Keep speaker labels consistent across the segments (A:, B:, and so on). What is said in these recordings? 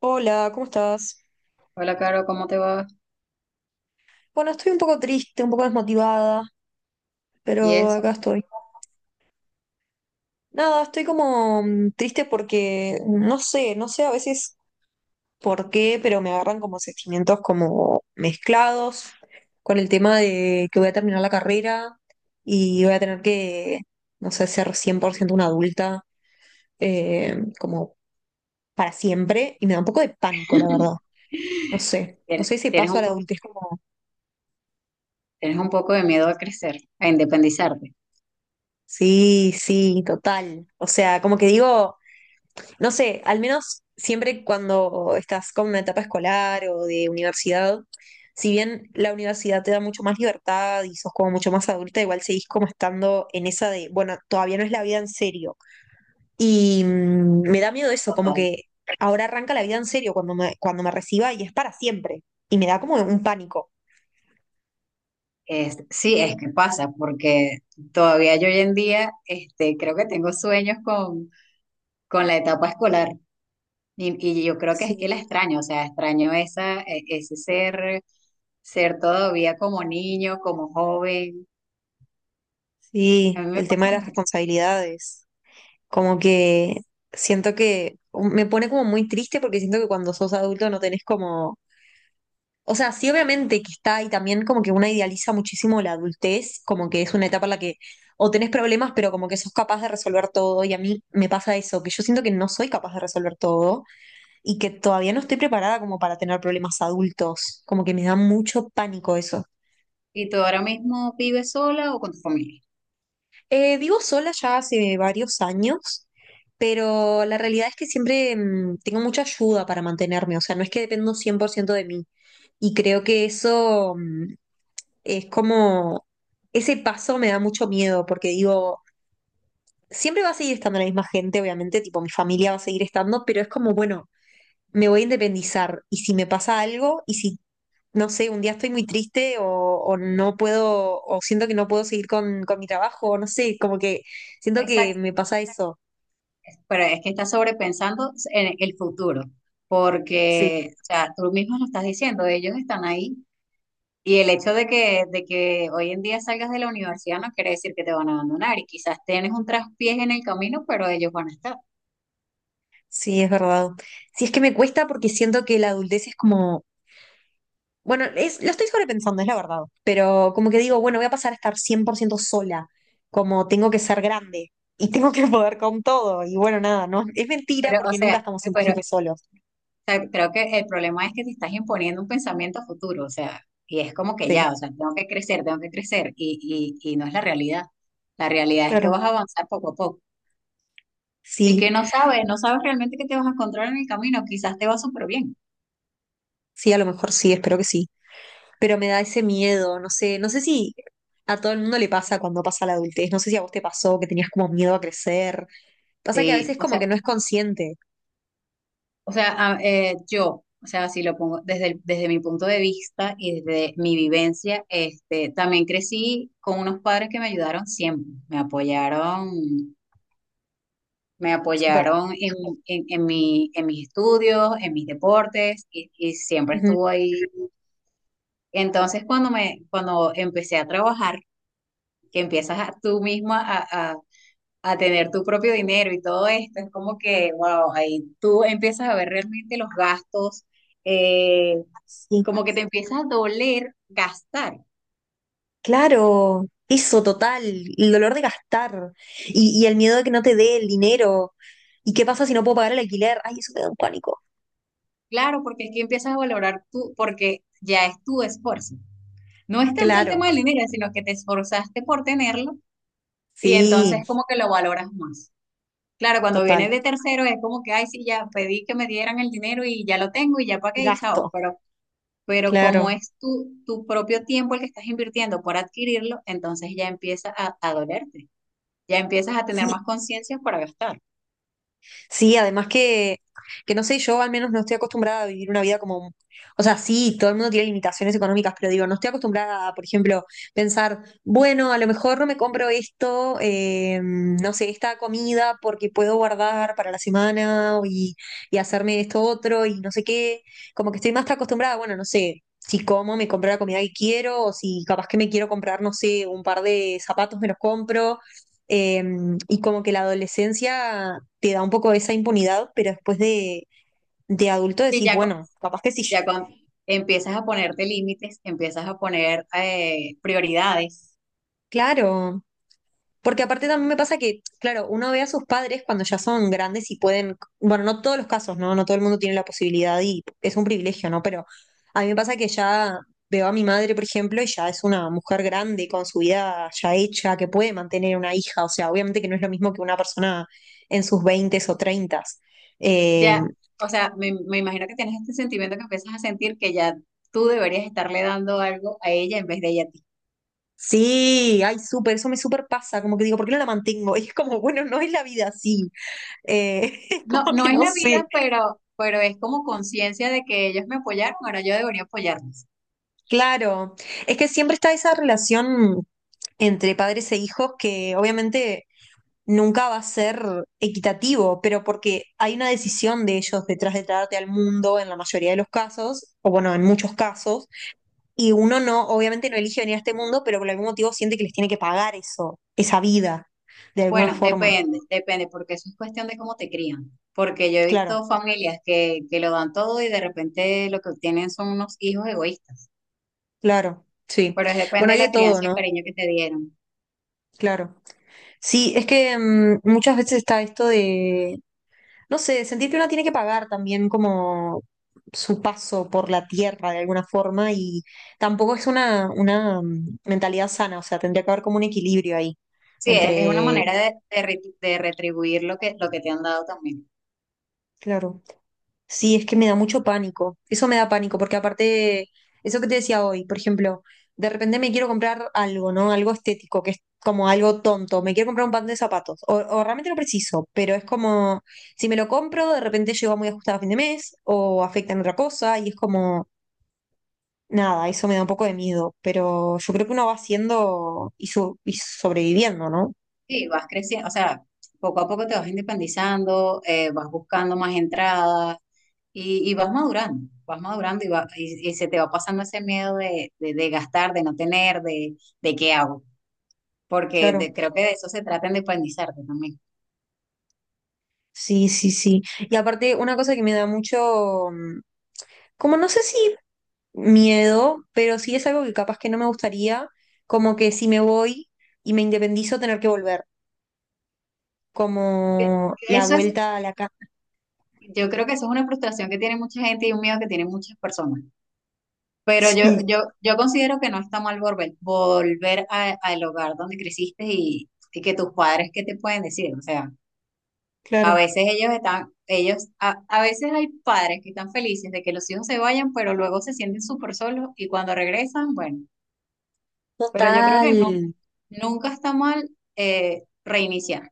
A: Hola, ¿cómo estás?
B: Hola, Caro, ¿cómo te va?
A: Bueno, estoy un poco triste, un poco desmotivada,
B: Y
A: pero
B: eso.
A: acá estoy. Nada, estoy como triste porque no sé, no sé a veces por qué, pero me agarran como sentimientos como mezclados con el tema de que voy a terminar la carrera y voy a tener que, no sé, ser 100% una adulta como para siempre y me da un poco de pánico, la verdad. No sé, no
B: Tien-
A: sé ese
B: Tienes
A: paso a
B: un
A: la
B: poco,
A: adultez como...
B: tienes un poco de miedo a crecer, a independizarte.
A: Sí, sí, total. O sea, como que digo... No sé, al menos siempre cuando estás con una etapa escolar o de universidad, si bien la universidad te da mucho más libertad y sos como mucho más adulta, igual seguís como estando en esa de, bueno, todavía no es la vida en serio. Y me da miedo eso, como
B: Total.
A: que ahora arranca la vida en serio cuando me reciba y es para siempre. Y me da como un pánico.
B: Sí, es que pasa, porque todavía yo hoy en día creo que tengo sueños con la etapa escolar y yo creo que es que
A: Sí,
B: la extraño, o sea, extraño ese ser, ser todavía como niño, como joven. A
A: sí,
B: mí me
A: el tema
B: pasa
A: de las
B: mucho.
A: responsabilidades. Como que siento que me pone como muy triste porque siento que cuando sos adulto no tenés como. O sea, sí, obviamente que está ahí también como que una idealiza muchísimo la adultez, como que es una etapa en la que o tenés problemas, pero como que sos capaz de resolver todo. Y a mí me pasa eso, que yo siento que no soy capaz de resolver todo y que todavía no estoy preparada como para tener problemas adultos. Como que me da mucho pánico eso.
B: ¿Y tú ahora mismo vives sola o con tu familia?
A: Vivo sola ya hace varios años, pero la realidad es que siempre tengo mucha ayuda para mantenerme. O sea, no es que dependo 100% de mí. Y creo que eso. Es como, ese paso me da mucho miedo porque digo, siempre va a seguir estando la misma gente, obviamente, tipo, mi familia va a seguir estando, pero es como, bueno, me voy a independizar y si me pasa algo y si, no sé, un día estoy muy triste o no puedo, o siento que no puedo seguir con mi trabajo, no sé, como que siento que me pasa eso.
B: Pero es que estás sobrepensando en el futuro,
A: Sí,
B: porque, o sea, tú mismo lo estás diciendo, ellos están ahí. Y el hecho de que hoy en día salgas de la universidad no quiere decir que te van a abandonar y quizás tienes un traspiés en el camino, pero ellos van a estar.
A: sí, es verdad. Sí, es que me cuesta porque siento que la adultez es como. Bueno, es, lo estoy sobrepensando, es la verdad. Pero como que digo, bueno, voy a pasar a estar 100% sola, como tengo que ser grande y tengo que poder con todo. Y bueno, nada, no, es mentira
B: Pero, o
A: porque nunca
B: sea,
A: estamos cien por
B: pero o
A: ciento solos.
B: sea, creo que el problema es que te estás imponiendo un pensamiento a futuro, o sea, y es como que
A: Sí,
B: ya, o sea, tengo que crecer, y no es la realidad. La realidad es que
A: claro.
B: vas a avanzar poco a poco. Y
A: Sí,
B: que no sabes, no sabes realmente qué te vas a encontrar en el camino, quizás te va súper bien.
A: sí, a lo mejor sí, espero que sí. Pero me da ese miedo, no sé, no sé si a todo el mundo le pasa cuando pasa la adultez, no sé si a vos te pasó que tenías como miedo a crecer. Pasa que a
B: Sí.
A: veces como que no es consciente.
B: O sea, yo, o sea, si lo pongo desde, desde mi punto de vista y desde mi vivencia, también crecí con unos padres que me ayudaron siempre, me
A: Súper.
B: apoyaron en, en mi, en mis estudios, en mis deportes, y siempre
A: Ujú.
B: estuvo ahí. Entonces, cuando empecé a trabajar, que empiezas a, tú misma a tener tu propio dinero y todo esto, es como que, wow, ahí tú empiezas a ver realmente los gastos, eh,
A: Sí.
B: como que te empieza a doler gastar.
A: Claro, eso total, el dolor de gastar y el miedo de que no te dé el dinero. ¿Y qué pasa si no puedo pagar el alquiler? Ay, eso me da un pánico.
B: Claro, porque es que empiezas a valorar tú, porque ya es tu esfuerzo. No es tanto el
A: Claro,
B: tema del dinero, sino que te esforzaste por tenerlo y entonces
A: sí,
B: como que lo valoras más. Claro, cuando viene
A: total.
B: de tercero es como que, ay, sí, ya pedí que me dieran el dinero y ya lo tengo y ya
A: Y
B: pagué y chao,
A: gasto,
B: pero como
A: claro.
B: es tu, tu propio tiempo el que estás invirtiendo por adquirirlo, entonces ya empieza a dolerte, ya empiezas a tener
A: Sí.
B: más conciencia para gastar.
A: Sí, además que no sé, yo al menos no estoy acostumbrada a vivir una vida como, o sea, sí, todo el mundo tiene limitaciones económicas, pero digo, no estoy acostumbrada a, por ejemplo, pensar, bueno, a lo mejor no me compro esto, no sé, esta comida porque puedo guardar para la semana y hacerme esto otro y no sé qué, como que estoy más acostumbrada, bueno, no sé. Si como, me compro la comida que quiero, o si capaz que me quiero comprar, no sé, un par de zapatos, me los compro. Eh, y como que la adolescencia te da un poco esa impunidad, pero después de adulto
B: Y
A: decís,
B: ya, con
A: bueno, capaz que sí.
B: ya con, empiezas a ponerte límites, empiezas a poner prioridades.
A: Claro, porque aparte también me pasa que, claro, uno ve a sus padres cuando ya son grandes y pueden, bueno, no todos los casos, ¿no? No todo el mundo tiene la posibilidad y es un privilegio, ¿no? Pero a mí me pasa que ya veo a mi madre, por ejemplo, y ya es una mujer grande con su vida ya hecha, que puede mantener una hija, o sea, obviamente que no es lo mismo que una persona en sus veintes o treintas. eh,
B: Ya, o sea, me imagino que tienes este sentimiento que empiezas a sentir que ya tú deberías estarle dando algo a ella en vez de ella a ti.
A: Sí, ay, súper, eso me súper pasa, como que digo, ¿por qué no la mantengo? Y es como, bueno, no es la vida así, es
B: No,
A: como
B: no
A: que
B: es
A: no
B: la
A: sé,
B: vida, pero es como conciencia de que ellos me apoyaron, ahora yo debería apoyarlos.
A: claro, es que siempre está esa relación entre padres e hijos que obviamente nunca va a ser equitativo, pero porque hay una decisión de ellos detrás de traerte al mundo en la mayoría de los casos, o bueno, en muchos casos, y uno no, obviamente no elige venir a este mundo, pero por algún motivo siente que les tiene que pagar eso, esa vida, de alguna
B: Bueno,
A: forma,
B: depende, depende, porque eso es cuestión de cómo te crían. Porque yo he
A: claro.
B: visto familias que lo dan todo y de repente lo que obtienen son unos hijos egoístas.
A: Claro, sí.
B: Pero es
A: Bueno,
B: depende de
A: hay de
B: la
A: todo,
B: crianza y el
A: ¿no?
B: cariño que te dieron.
A: Claro. Sí, es que muchas veces está esto de, no sé, sentir que uno tiene que pagar también como su paso por la tierra de alguna forma y tampoco es una mentalidad sana, o sea, tendría que haber como un equilibrio ahí
B: Sí, es una
A: entre,
B: manera de, de retribuir lo que te han dado también.
A: claro. Sí, es que me da mucho pánico. Eso me da pánico, porque aparte, eso que te decía hoy, por ejemplo, de repente me quiero comprar algo, ¿no? Algo estético, que es como algo tonto. Me quiero comprar un par de zapatos, o realmente no preciso, pero es como, si me lo compro, de repente llego muy ajustado a fin de mes, o afecta en otra cosa, y es como, nada, eso me da un poco de miedo. Pero yo creo que uno va haciendo y, sobreviviendo, ¿no?
B: Sí, vas creciendo, o sea, poco a poco te vas independizando, vas buscando más entradas y vas madurando y se te va pasando ese miedo de gastar, de no tener, de qué hago. Porque
A: Claro.
B: creo que de eso se trata de independizarte también.
A: Sí, sí, sí. Y aparte, una cosa que me da mucho, como no sé si miedo, pero sí es algo que capaz que no me gustaría, como que si me voy y me independizo, tener que volver,
B: Que-
A: como
B: que
A: la
B: Eso es,
A: vuelta a la casa.
B: yo creo que eso es una frustración que tiene mucha gente y un miedo que tienen muchas personas. Pero
A: Sí,
B: yo considero que no está mal volver, al hogar donde creciste y que tus padres, ¿qué te pueden decir? O sea, a
A: claro.
B: veces ellos están, ellos, a veces hay padres que están felices de que los hijos se vayan, pero luego se sienten súper solos y cuando regresan, bueno, pero yo creo
A: Total.
B: que no, nunca está mal reiniciar.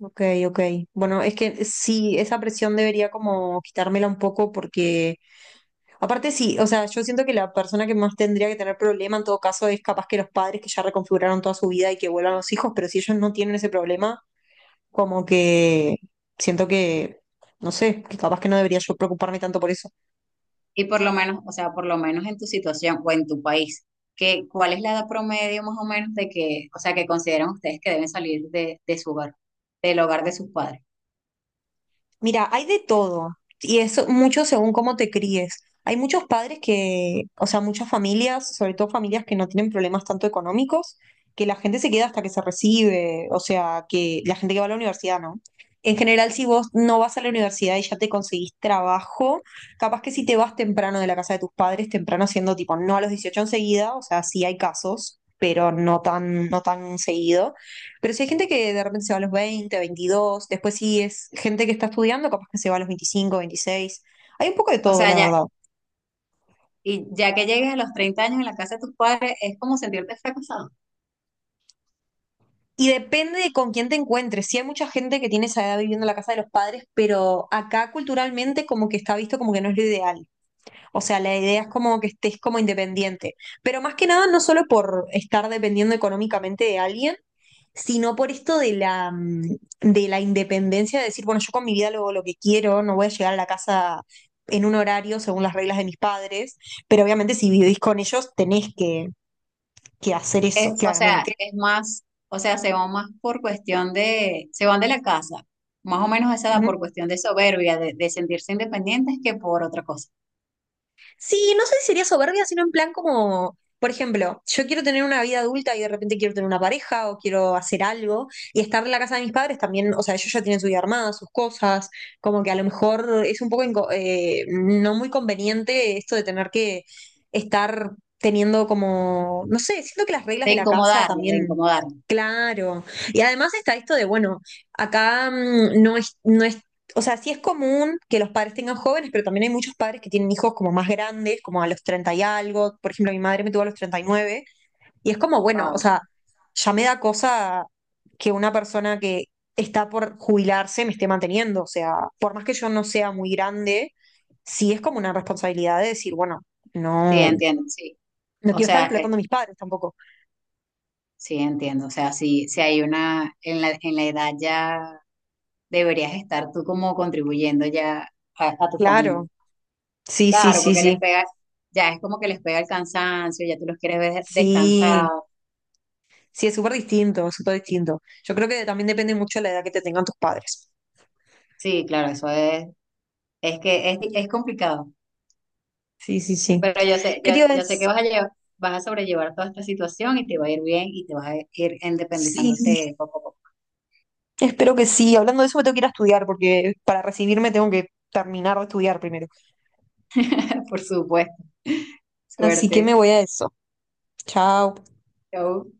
A: Ok, ok. Bueno, es que sí, esa presión debería como quitármela un poco porque aparte, sí, o sea, yo siento que la persona que más tendría que tener problema en todo caso es capaz que los padres que ya reconfiguraron toda su vida y que vuelvan los hijos, pero si ellos no tienen ese problema, como que siento que, no sé, que capaz que no debería yo preocuparme tanto por eso.
B: Y por lo menos, o sea, por lo menos en tu situación o en tu país, ¿qué ¿cuál es la edad promedio más o menos de que, o sea, que consideran ustedes que deben salir de su hogar, del hogar de sus padres?
A: Mira, hay de todo y es mucho según cómo te críes. Hay muchos padres que, o sea, muchas familias, sobre todo familias que no tienen problemas tanto económicos, que la gente se queda hasta que se recibe, o sea, que la gente que va a la universidad, ¿no? En general, si vos no vas a la universidad y ya te conseguís trabajo, capaz que si te vas temprano de la casa de tus padres, temprano siendo tipo, no a los 18 enseguida, o sea, sí hay casos, pero no tan seguido, pero si hay gente que de repente se va a los 20, 22, después sí es gente que está estudiando, capaz que se va a los 25, veintiséis. Hay un poco de
B: O
A: todo,
B: sea,
A: la
B: ya,
A: verdad.
B: y ya que llegues a los 30 años en la casa de tus padres, es como sentirte fracasado.
A: Y depende de con quién te encuentres. Sí hay mucha gente que tiene esa edad viviendo en la casa de los padres, pero acá culturalmente como que está visto como que no es lo ideal. O sea, la idea es como que estés como independiente. Pero más que nada, no solo por estar dependiendo económicamente de alguien, sino por esto de la independencia, de decir, bueno, yo con mi vida hago lo que quiero, no voy a llegar a la casa en un horario según las reglas de mis padres, pero obviamente si vivís con ellos tenés que, hacer eso,
B: Es, o sea,
A: claramente.
B: es más, o sea, se van más por cuestión de, se van de la casa, más o menos a esa edad por cuestión de soberbia, de sentirse independientes que por otra cosa,
A: Sí, no sé si sería soberbia, sino en plan como, por ejemplo, yo quiero tener una vida adulta y de repente quiero tener una pareja o quiero hacer algo y estar en la casa de mis padres también, o sea, ellos ya tienen su vida armada, sus cosas, como que a lo mejor es un poco no muy conveniente esto de tener que estar teniendo como, no sé, siento que las reglas
B: de
A: de la casa
B: incomodarlo, de
A: también...
B: incomodarlo.
A: Claro. Y además está esto de, bueno, acá no es o sea, sí es común que los padres tengan jóvenes, pero también hay muchos padres que tienen hijos como más grandes, como a los 30 y algo. Por ejemplo, mi madre me tuvo a los 39. Y nueve. Y es como, bueno, o
B: Wow.
A: sea, ya me da cosa que una persona que está por jubilarse me esté manteniendo. O sea, por más que yo no sea muy grande, sí es como una responsabilidad de decir, bueno,
B: Sí,
A: no,
B: entiendo, sí.
A: no
B: O
A: quiero estar
B: sea,
A: explotando a mis padres tampoco.
B: sí, entiendo. O sea, si, si hay una, en la edad ya deberías estar tú como contribuyendo ya a tu familia.
A: Claro, sí, sí,
B: Claro,
A: sí,
B: porque les
A: sí.
B: pega, ya es como que les pega el cansancio, ya tú los quieres ver
A: Sí,
B: descansados.
A: sí, es súper distinto, súper distinto. Yo creo que también depende mucho de la edad que te tengan tus padres.
B: Sí, claro, eso es que es complicado.
A: Sí, sí, sí.
B: Pero yo sé,
A: ¿Qué te iba a
B: yo sé que
A: decir?
B: vas a llevar, vas a sobrellevar toda esta situación y te va a ir bien y te vas a ir
A: Sí,
B: independizándote poco a poco.
A: espero que sí. Hablando de eso, me tengo que ir a estudiar porque para recibirme tengo que terminar de estudiar primero.
B: Por supuesto.
A: Así que
B: Suerte.
A: me voy a eso. Chao.
B: Chau.